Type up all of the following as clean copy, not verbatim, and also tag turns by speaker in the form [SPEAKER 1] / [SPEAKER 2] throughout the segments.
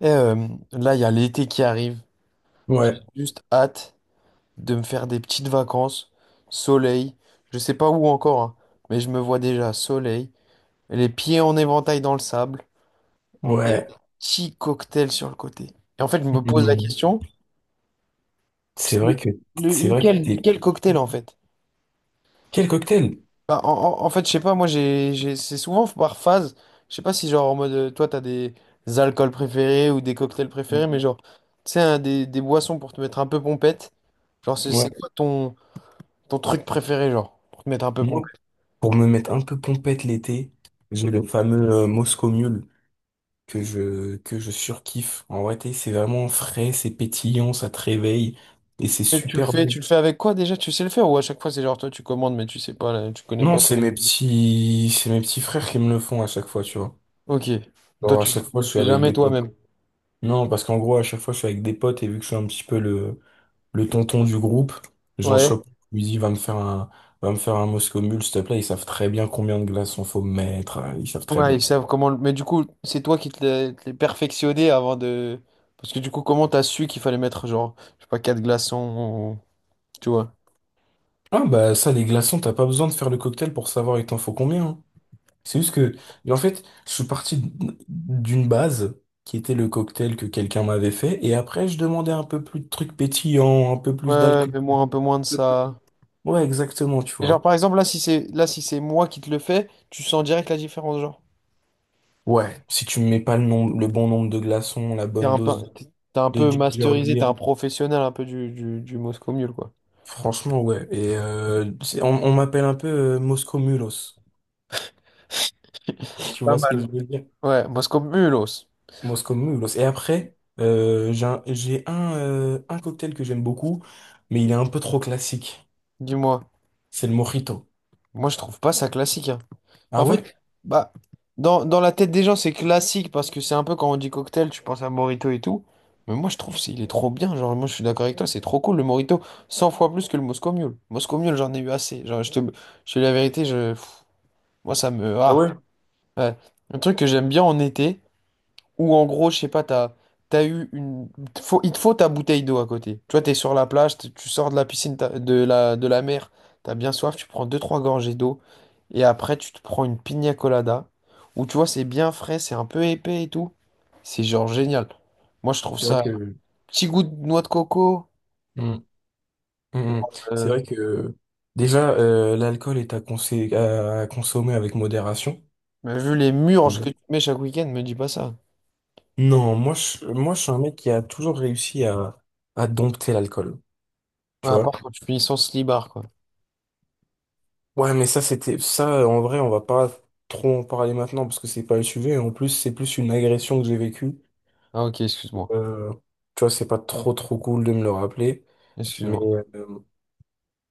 [SPEAKER 1] Et euh, là, il y a l'été qui arrive. J'ai
[SPEAKER 2] Ouais,
[SPEAKER 1] juste hâte de me faire des petites vacances, soleil. Je sais pas où encore, hein, mais je me vois déjà soleil, les pieds en éventail dans le sable, et
[SPEAKER 2] ouais.
[SPEAKER 1] un petit cocktail sur le côté. Et en fait, je me pose la
[SPEAKER 2] Mhm.
[SPEAKER 1] question,
[SPEAKER 2] C'est
[SPEAKER 1] le-
[SPEAKER 2] vrai que c'est vrai que t'es...
[SPEAKER 1] quel cocktail en fait?
[SPEAKER 2] Quel cocktail?
[SPEAKER 1] Bah, en fait, je sais pas, moi, c'est souvent par phase. Je sais pas si, genre, en mode, toi, t'as des alcools préférés ou des cocktails préférés, mais genre, tu sais, hein, des boissons pour te mettre un peu pompette. Genre, c'est
[SPEAKER 2] Ouais.
[SPEAKER 1] c'est quoi ton, ton truc préféré, genre, pour te mettre un peu
[SPEAKER 2] Moi,
[SPEAKER 1] pompette?
[SPEAKER 2] pour me mettre un peu pompette l'été, j'ai le fameux Moscow Mule que je surkiffe. En vrai, c'est vraiment frais, c'est pétillant, ça te réveille et c'est
[SPEAKER 1] Et
[SPEAKER 2] super bon.
[SPEAKER 1] tu le fais avec quoi déjà? Tu sais le faire ou à chaque fois, c'est genre, toi, tu commandes, mais tu sais pas, là, tu connais
[SPEAKER 2] Non,
[SPEAKER 1] pas.
[SPEAKER 2] c'est mes petits frères qui me le font à chaque fois, tu vois.
[SPEAKER 1] Ok. Toi,
[SPEAKER 2] Alors à
[SPEAKER 1] tu
[SPEAKER 2] chaque fois,
[SPEAKER 1] le
[SPEAKER 2] je suis
[SPEAKER 1] fais
[SPEAKER 2] avec
[SPEAKER 1] jamais
[SPEAKER 2] des potes.
[SPEAKER 1] toi-même.
[SPEAKER 2] Non, parce qu'en gros, à chaque fois, je suis avec des potes et vu que je suis un petit peu le tonton du groupe, Jean
[SPEAKER 1] Ouais.
[SPEAKER 2] Chop, lui dit, va me faire un Moscow Mule, s'il te plaît. Ils savent très bien combien de glaçons faut mettre, hein. Ils savent très
[SPEAKER 1] Ouais,
[SPEAKER 2] bien.
[SPEAKER 1] ils savent comment. Mais du coup, c'est toi qui te l'es perfectionné avant de. Parce que du coup, comment t'as su qu'il fallait mettre genre, je sais pas, quatre glaçons, ou- tu vois.
[SPEAKER 2] Ah, bah, ça, les glaçons, t'as pas besoin de faire le cocktail pour savoir il t'en faut combien, hein. C'est juste que, mais en fait, je suis parti d'une base qui était le cocktail que quelqu'un m'avait fait. Et après, je demandais un peu plus de trucs pétillants, un peu plus
[SPEAKER 1] Ouais,
[SPEAKER 2] d'alcool.
[SPEAKER 1] mais moi un peu moins de ça.
[SPEAKER 2] Ouais, exactement, tu
[SPEAKER 1] Et genre
[SPEAKER 2] vois.
[SPEAKER 1] par exemple là, si c'est moi qui te le fais, tu sens direct la différence, genre.
[SPEAKER 2] Ouais, si tu me mets pas le nom, le bon nombre de glaçons, la
[SPEAKER 1] T'es
[SPEAKER 2] bonne
[SPEAKER 1] un peu,
[SPEAKER 2] dose
[SPEAKER 1] t'es un
[SPEAKER 2] de
[SPEAKER 1] peu
[SPEAKER 2] ginger
[SPEAKER 1] masterisé, t'es
[SPEAKER 2] beer.
[SPEAKER 1] un professionnel un peu du Moscow Mule, quoi.
[SPEAKER 2] Franchement, ouais. Et on m'appelle un peu Moscow Mulos. Tu
[SPEAKER 1] Pas
[SPEAKER 2] vois ce que
[SPEAKER 1] mal.
[SPEAKER 2] je veux dire?
[SPEAKER 1] Ouais, Moscow Mulos.
[SPEAKER 2] Moscow Mulos. Et après, j'ai un cocktail que j'aime beaucoup, mais il est un peu trop classique.
[SPEAKER 1] Dis-moi.
[SPEAKER 2] C'est le mojito.
[SPEAKER 1] Moi, je trouve pas ça classique, hein.
[SPEAKER 2] Ah
[SPEAKER 1] En
[SPEAKER 2] ouais?
[SPEAKER 1] fait, bah, dans la tête des gens, c'est classique parce que c'est un peu quand on dit cocktail, tu penses à Morito et tout. Mais moi, je trouve c'est il est trop bien. Genre, moi, je suis d'accord avec toi, c'est trop cool le Morito. 100 fois plus que le Moscow Mule. Moscow Mule, j'en ai eu assez. Genre, je te dis la vérité, je, moi, ça me.
[SPEAKER 2] Ah
[SPEAKER 1] Ah,
[SPEAKER 2] ouais?
[SPEAKER 1] ouais. Un truc que j'aime bien en été. Ou en gros, je sais pas, t'as, t'as eu une. Il te faut ta bouteille d'eau à côté. Tu vois, t'es sur la plage, tu sors de la piscine, de la mer, t'as bien soif, tu prends deux, trois gorgées d'eau, et après tu te prends une piña colada. Ou tu vois, c'est bien frais, c'est un peu épais et tout. C'est genre génial. Moi, je trouve
[SPEAKER 2] C'est vrai
[SPEAKER 1] ça.
[SPEAKER 2] que...
[SPEAKER 1] Petit goût de noix de coco.
[SPEAKER 2] Mm, mm, mm. C'est
[SPEAKER 1] euh,
[SPEAKER 2] vrai que... Déjà, l'alcool est à consommer avec modération.
[SPEAKER 1] mais vu les murges
[SPEAKER 2] Déjà.
[SPEAKER 1] que tu mets chaque week-end, me dis pas ça.
[SPEAKER 2] Non, moi, je suis un mec qui a toujours réussi à dompter l'alcool.
[SPEAKER 1] Ouais,
[SPEAKER 2] Tu
[SPEAKER 1] à
[SPEAKER 2] vois?
[SPEAKER 1] part quand tu finis sans slibard, quoi.
[SPEAKER 2] Ouais, mais ça, c'était ça. En vrai, on va pas trop en parler maintenant parce que c'est pas le sujet. En plus, c'est plus une agression que j'ai vécue.
[SPEAKER 1] Ah, ok, excuse-moi.
[SPEAKER 2] Euh, tu vois, c'est pas trop trop cool de me le rappeler. Mais
[SPEAKER 1] Excuse-moi.
[SPEAKER 2] euh,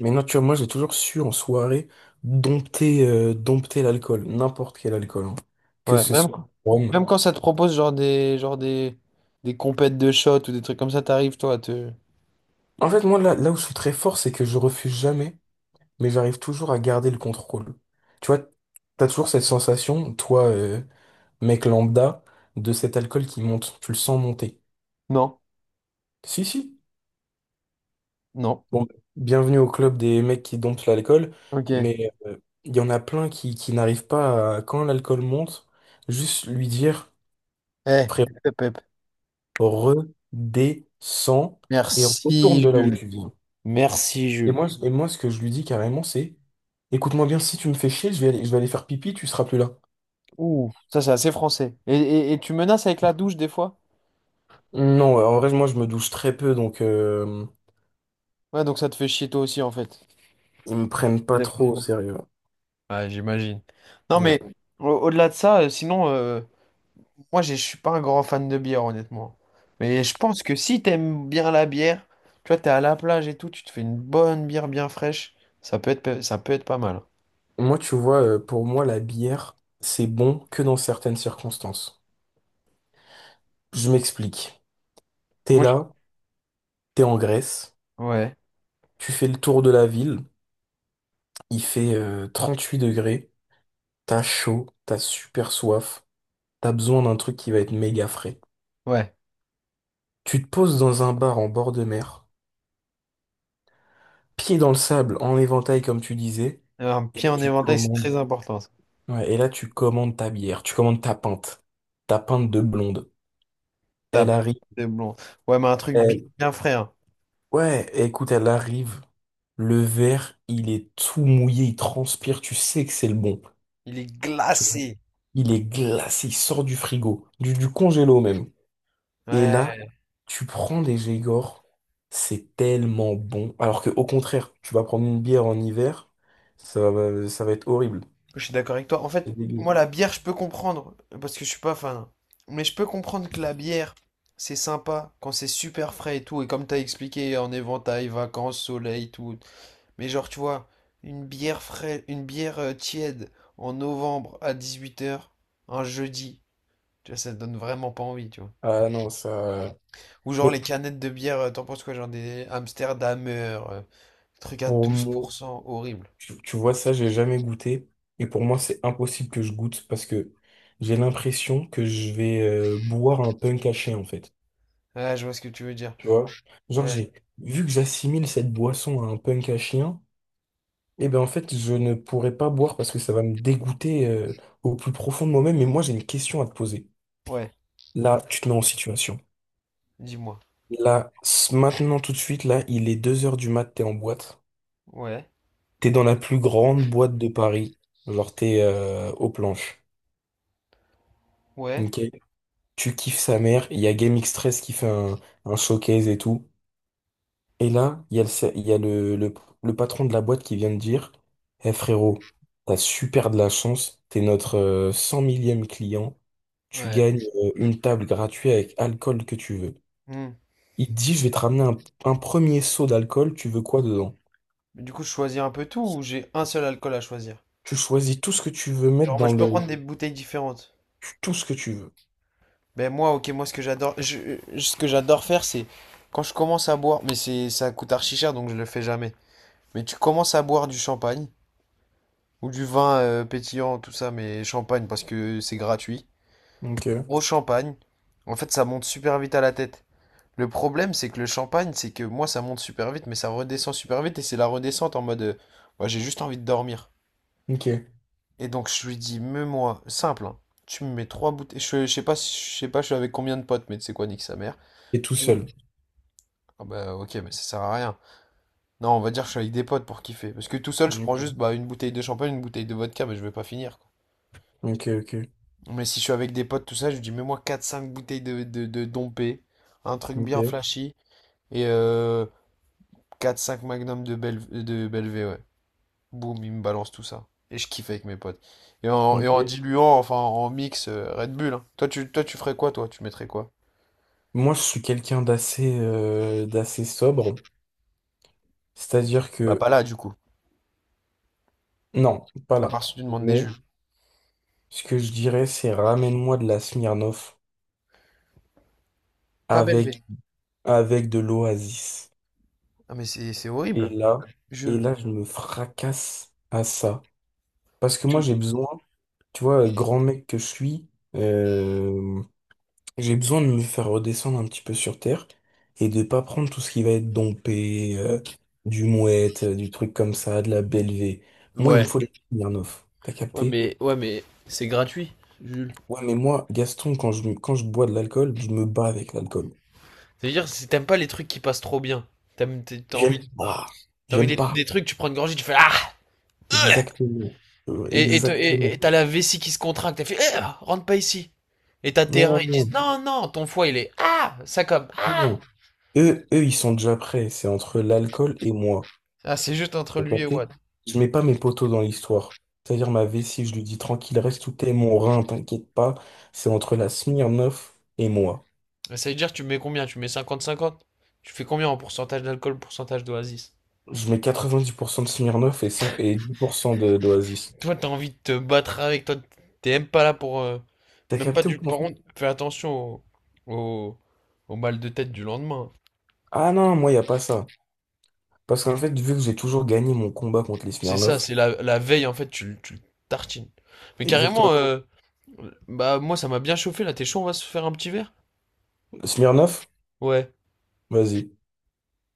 [SPEAKER 2] mais non, tu vois, moi, j'ai toujours su en soirée dompter l'alcool, n'importe quel alcool, hein. Que
[SPEAKER 1] Ouais,
[SPEAKER 2] ce soit rhum.
[SPEAKER 1] même quand ça te propose genre des compètes de shot ou des trucs comme ça, t'arrives toi à te.
[SPEAKER 2] En fait, moi, là, là où je suis très fort, c'est que je refuse jamais, mais j'arrive toujours à garder le contrôle. Tu vois, t'as toujours cette sensation, toi, mec lambda, de cet alcool qui monte. Tu le sens monter.
[SPEAKER 1] Non,
[SPEAKER 2] Si, si.
[SPEAKER 1] non.
[SPEAKER 2] Bon, bienvenue au club des mecs qui domptent l'alcool,
[SPEAKER 1] Ok.
[SPEAKER 2] mais il y en a plein qui n'arrivent pas à, quand l'alcool monte, juste lui dire,
[SPEAKER 1] Eh,
[SPEAKER 2] frère,
[SPEAKER 1] pep, pep.
[SPEAKER 2] redescends et retourne de
[SPEAKER 1] Merci,
[SPEAKER 2] là où
[SPEAKER 1] Jules.
[SPEAKER 2] tu viens.
[SPEAKER 1] Merci, Jules.
[SPEAKER 2] Et moi, ce que je lui dis carrément, c'est, écoute-moi bien, si tu me fais chier, je vais aller faire pipi, tu seras plus là.
[SPEAKER 1] Ouh, ça c'est assez français. Et tu menaces avec la douche des fois?
[SPEAKER 2] Non, en vrai, moi, je me douche très peu, donc
[SPEAKER 1] Ouais, donc ça te fait chier toi aussi en fait.
[SPEAKER 2] ils me prennent
[SPEAKER 1] Ça
[SPEAKER 2] pas
[SPEAKER 1] dépend.
[SPEAKER 2] trop au sérieux.
[SPEAKER 1] Ouais, j'imagine. Non mais
[SPEAKER 2] Ouais.
[SPEAKER 1] au- delà de ça, sinon. Moi, je suis pas un grand fan de bière, honnêtement. Mais je pense que si t'aimes bien la bière, tu vois, t'es à la plage et tout, tu te fais une bonne bière bien fraîche, ça peut être, ça peut être pas mal.
[SPEAKER 2] Moi, tu vois, pour moi, la bière, c'est bon que dans certaines circonstances. Je m'explique. T'es
[SPEAKER 1] Moi, je-
[SPEAKER 2] là, t'es en Grèce,
[SPEAKER 1] ouais,
[SPEAKER 2] tu fais le tour de la ville, il fait 38 degrés, t'as chaud, t'as super soif, t'as besoin d'un truc qui va être méga frais.
[SPEAKER 1] ouais.
[SPEAKER 2] Tu te poses dans un bar en bord de mer, pied dans le sable, en éventail comme tu disais,
[SPEAKER 1] Un
[SPEAKER 2] et
[SPEAKER 1] pied
[SPEAKER 2] là
[SPEAKER 1] en
[SPEAKER 2] tu
[SPEAKER 1] éventail, c'est
[SPEAKER 2] commandes.
[SPEAKER 1] très important, ça.
[SPEAKER 2] Ouais, et là tu commandes ta bière, tu commandes ta pinte de blonde. Elle
[SPEAKER 1] Tape,
[SPEAKER 2] arrive,
[SPEAKER 1] c'est blond. Ouais, mais un truc bien,
[SPEAKER 2] elle...
[SPEAKER 1] bien frais, hein.
[SPEAKER 2] Ouais, écoute, elle arrive, le verre, il est tout mouillé, il transpire, tu sais que c'est le bon.
[SPEAKER 1] Il est
[SPEAKER 2] Tu vois.
[SPEAKER 1] glacé.
[SPEAKER 2] Il est glacé, il sort du frigo, du congélo même. Et là,
[SPEAKER 1] Ouais.
[SPEAKER 2] tu prends des Grégor, c'est tellement bon. Alors que au contraire, tu vas prendre une bière en hiver, ça va être horrible.
[SPEAKER 1] Je suis d'accord avec toi. En fait,
[SPEAKER 2] C'est
[SPEAKER 1] moi,
[SPEAKER 2] dégueu.
[SPEAKER 1] la bière, je peux comprendre, parce que je suis pas fan, hein. Mais je peux comprendre que la bière, c'est sympa quand c'est super frais et tout. Et comme t'as expliqué, en éventail, vacances, soleil, tout. Mais genre, tu vois, une bière frais, une bière tiède en novembre à 18h, un jeudi, tu vois, ça donne vraiment pas envie, tu vois.
[SPEAKER 2] Ah non, ça.
[SPEAKER 1] Ou genre les
[SPEAKER 2] Mais
[SPEAKER 1] canettes de bière, t'en penses quoi? Genre des Amsterdamer, truc à
[SPEAKER 2] pour moi,
[SPEAKER 1] 12%, horrible.
[SPEAKER 2] tu vois, ça, j'ai jamais goûté. Et pour moi, c'est impossible que je goûte parce que j'ai l'impression que je vais boire un punk à chien, en fait.
[SPEAKER 1] Ah, je vois ce que tu veux dire.
[SPEAKER 2] Tu vois? Genre,
[SPEAKER 1] Ouais,
[SPEAKER 2] j'ai vu que j'assimile cette boisson à un punk à chien. Eh ben en fait, je ne pourrais pas boire parce que ça va me dégoûter au plus profond de moi-même. Mais moi, j'ai une question à te poser.
[SPEAKER 1] ouais,
[SPEAKER 2] Là, tu te mets en situation.
[SPEAKER 1] dis-moi.
[SPEAKER 2] Là, maintenant, tout de suite, là, il est 2 heures du mat, t'es en boîte.
[SPEAKER 1] Ouais,
[SPEAKER 2] T'es dans la plus grande boîte de Paris. Genre, t'es aux planches.
[SPEAKER 1] ouais.
[SPEAKER 2] Ok. Tu kiffes sa mère. Il y a Game X13 qui fait un showcase et tout. Et là, il y a le patron de la boîte qui vient de dire, eh frérot, t'as super de la chance, t'es notre 100 millième client, tu
[SPEAKER 1] Ouais.
[SPEAKER 2] gagnes une table gratuite avec alcool que tu veux.
[SPEAKER 1] Hmm.
[SPEAKER 2] Il te dit, je vais te ramener un premier seau d'alcool, tu veux quoi dedans?
[SPEAKER 1] Mais du coup, je choisis un peu tout ou j'ai un seul alcool à choisir?
[SPEAKER 2] Tu choisis tout ce que tu veux mettre
[SPEAKER 1] Genre, moi,
[SPEAKER 2] dans
[SPEAKER 1] je peux
[SPEAKER 2] le...
[SPEAKER 1] prendre des bouteilles différentes.
[SPEAKER 2] Tout ce que tu veux.
[SPEAKER 1] Ben moi, ok, moi, ce que j'adore, ce que j'adore faire, c'est quand je commence à boire, mais c'est, ça coûte archi cher, donc je le fais jamais. Mais tu commences à boire du champagne ou du vin pétillant, tout ça, mais champagne parce que c'est gratuit.
[SPEAKER 2] Ok,
[SPEAKER 1] Gros champagne. En fait, ça monte super vite à la tête. Le problème, c'est que le champagne, c'est que moi, ça monte super vite, mais ça redescend super vite et c'est la redescente en mode, moi, j'ai juste envie de dormir.
[SPEAKER 2] ok.
[SPEAKER 1] Et donc je lui dis, mets-moi, simple, hein, tu me mets trois bouteilles. Je sais pas, je sais pas, je suis avec combien de potes, mais tu sais quoi, nique sa mère.
[SPEAKER 2] Et tout
[SPEAKER 1] Je dis,
[SPEAKER 2] seul.
[SPEAKER 1] ah bah ok, mais ça sert à rien. Non, on va dire que je suis avec des potes pour kiffer. Parce que tout seul, je prends
[SPEAKER 2] Ok,
[SPEAKER 1] juste bah, une bouteille de champagne, une bouteille de vodka, mais je vais pas finir, quoi.
[SPEAKER 2] ok, ok,
[SPEAKER 1] Mais si je suis avec des potes, tout ça, je lui dis, mets-moi quatre cinq bouteilles de Dompé, un truc bien
[SPEAKER 2] ok.
[SPEAKER 1] flashy, et 4-5 magnums de, de Belvé, ouais. Boum, il me balance tout ça. Et je kiffe avec mes potes. Et en
[SPEAKER 2] Ok.
[SPEAKER 1] diluant, enfin en mix Red Bull, hein. Toi, toi, tu ferais quoi, toi? Tu mettrais quoi?
[SPEAKER 2] Moi, je suis quelqu'un d'assez sobre, c'est-à-dire
[SPEAKER 1] Bah, pas
[SPEAKER 2] que.
[SPEAKER 1] là, du coup.
[SPEAKER 2] Non, pas
[SPEAKER 1] À part
[SPEAKER 2] là.
[SPEAKER 1] si tu demandes des
[SPEAKER 2] Mais
[SPEAKER 1] jus.
[SPEAKER 2] ce que je dirais, c'est ramène-moi de la Smirnoff
[SPEAKER 1] Pas
[SPEAKER 2] avec,
[SPEAKER 1] Belvé.
[SPEAKER 2] avec de l'Oasis.
[SPEAKER 1] Ah, mais c'est
[SPEAKER 2] Et
[SPEAKER 1] horrible,
[SPEAKER 2] là, et
[SPEAKER 1] Jules.
[SPEAKER 2] là, je me fracasse à ça. Parce que moi,
[SPEAKER 1] Tu-
[SPEAKER 2] j'ai besoin, tu vois, grand mec que je suis, euh, j'ai besoin de me faire redescendre un petit peu sur terre et de pas prendre tout ce qui va être dompé, du mouette, du truc comme ça, de la Bellevée. Moi, il me
[SPEAKER 1] Ouais.
[SPEAKER 2] faut de la Smirnoff. T'as
[SPEAKER 1] Ouais,
[SPEAKER 2] capté?
[SPEAKER 1] mais c'est gratuit, Jules.
[SPEAKER 2] Ouais, mais moi, Gaston, quand je bois de l'alcool, je me bats avec l'alcool.
[SPEAKER 1] C'est-à-dire, si t'aimes pas les trucs qui passent trop bien, t'aimes, t'es- t'as envie,
[SPEAKER 2] J'aime pas.
[SPEAKER 1] t'as envie
[SPEAKER 2] J'aime pas.
[SPEAKER 1] des trucs, tu prends une gorgée, tu fais ah! euh
[SPEAKER 2] Exactement.
[SPEAKER 1] Et, et, toi- et-
[SPEAKER 2] Exactement.
[SPEAKER 1] et t'as la vessie qui se contracte, t'as fait eh, rentre pas ici. Et t'as tes
[SPEAKER 2] Non,
[SPEAKER 1] reins, ils
[SPEAKER 2] non,
[SPEAKER 1] disent non, non, ton foie il est ah! Ça comme
[SPEAKER 2] non. Eux, ils sont déjà prêts. C'est entre l'alcool et moi.
[SPEAKER 1] ah, c'est juste entre
[SPEAKER 2] Vous
[SPEAKER 1] lui et
[SPEAKER 2] captez?
[SPEAKER 1] Watt.
[SPEAKER 2] Je mets pas mes poteaux dans l'histoire. C'est-à-dire ma vessie, je lui dis tranquille, reste tout est mon rein, t'inquiète pas. C'est entre la Smirnoff et moi.
[SPEAKER 1] Ça veut dire, tu mets combien? Tu mets 50 50. Tu fais combien en pourcentage d'alcool, pourcentage d'oasis?
[SPEAKER 2] Je mets 90% de Smirnoff et 5 et 10% de d'Oasis.
[SPEAKER 1] Toi, t'as envie de te battre avec toi. T'es même pas là pour.
[SPEAKER 2] T'as
[SPEAKER 1] Même pas
[SPEAKER 2] capté ou
[SPEAKER 1] du.
[SPEAKER 2] pas?
[SPEAKER 1] Par contre, fais attention au, au... au mal de tête du lendemain.
[SPEAKER 2] Ah non, moi, y a pas ça. Parce qu'en fait, vu que j'ai toujours gagné mon combat contre les
[SPEAKER 1] C'est ça,
[SPEAKER 2] Smirnoff,
[SPEAKER 1] c'est la... la veille, en fait, tu le tartines. Mais carrément,
[SPEAKER 2] exactement.
[SPEAKER 1] bah, moi, ça m'a bien chauffé là. T'es chaud, on va se faire un petit verre?
[SPEAKER 2] Smirnoff,
[SPEAKER 1] Ouais.
[SPEAKER 2] vas-y.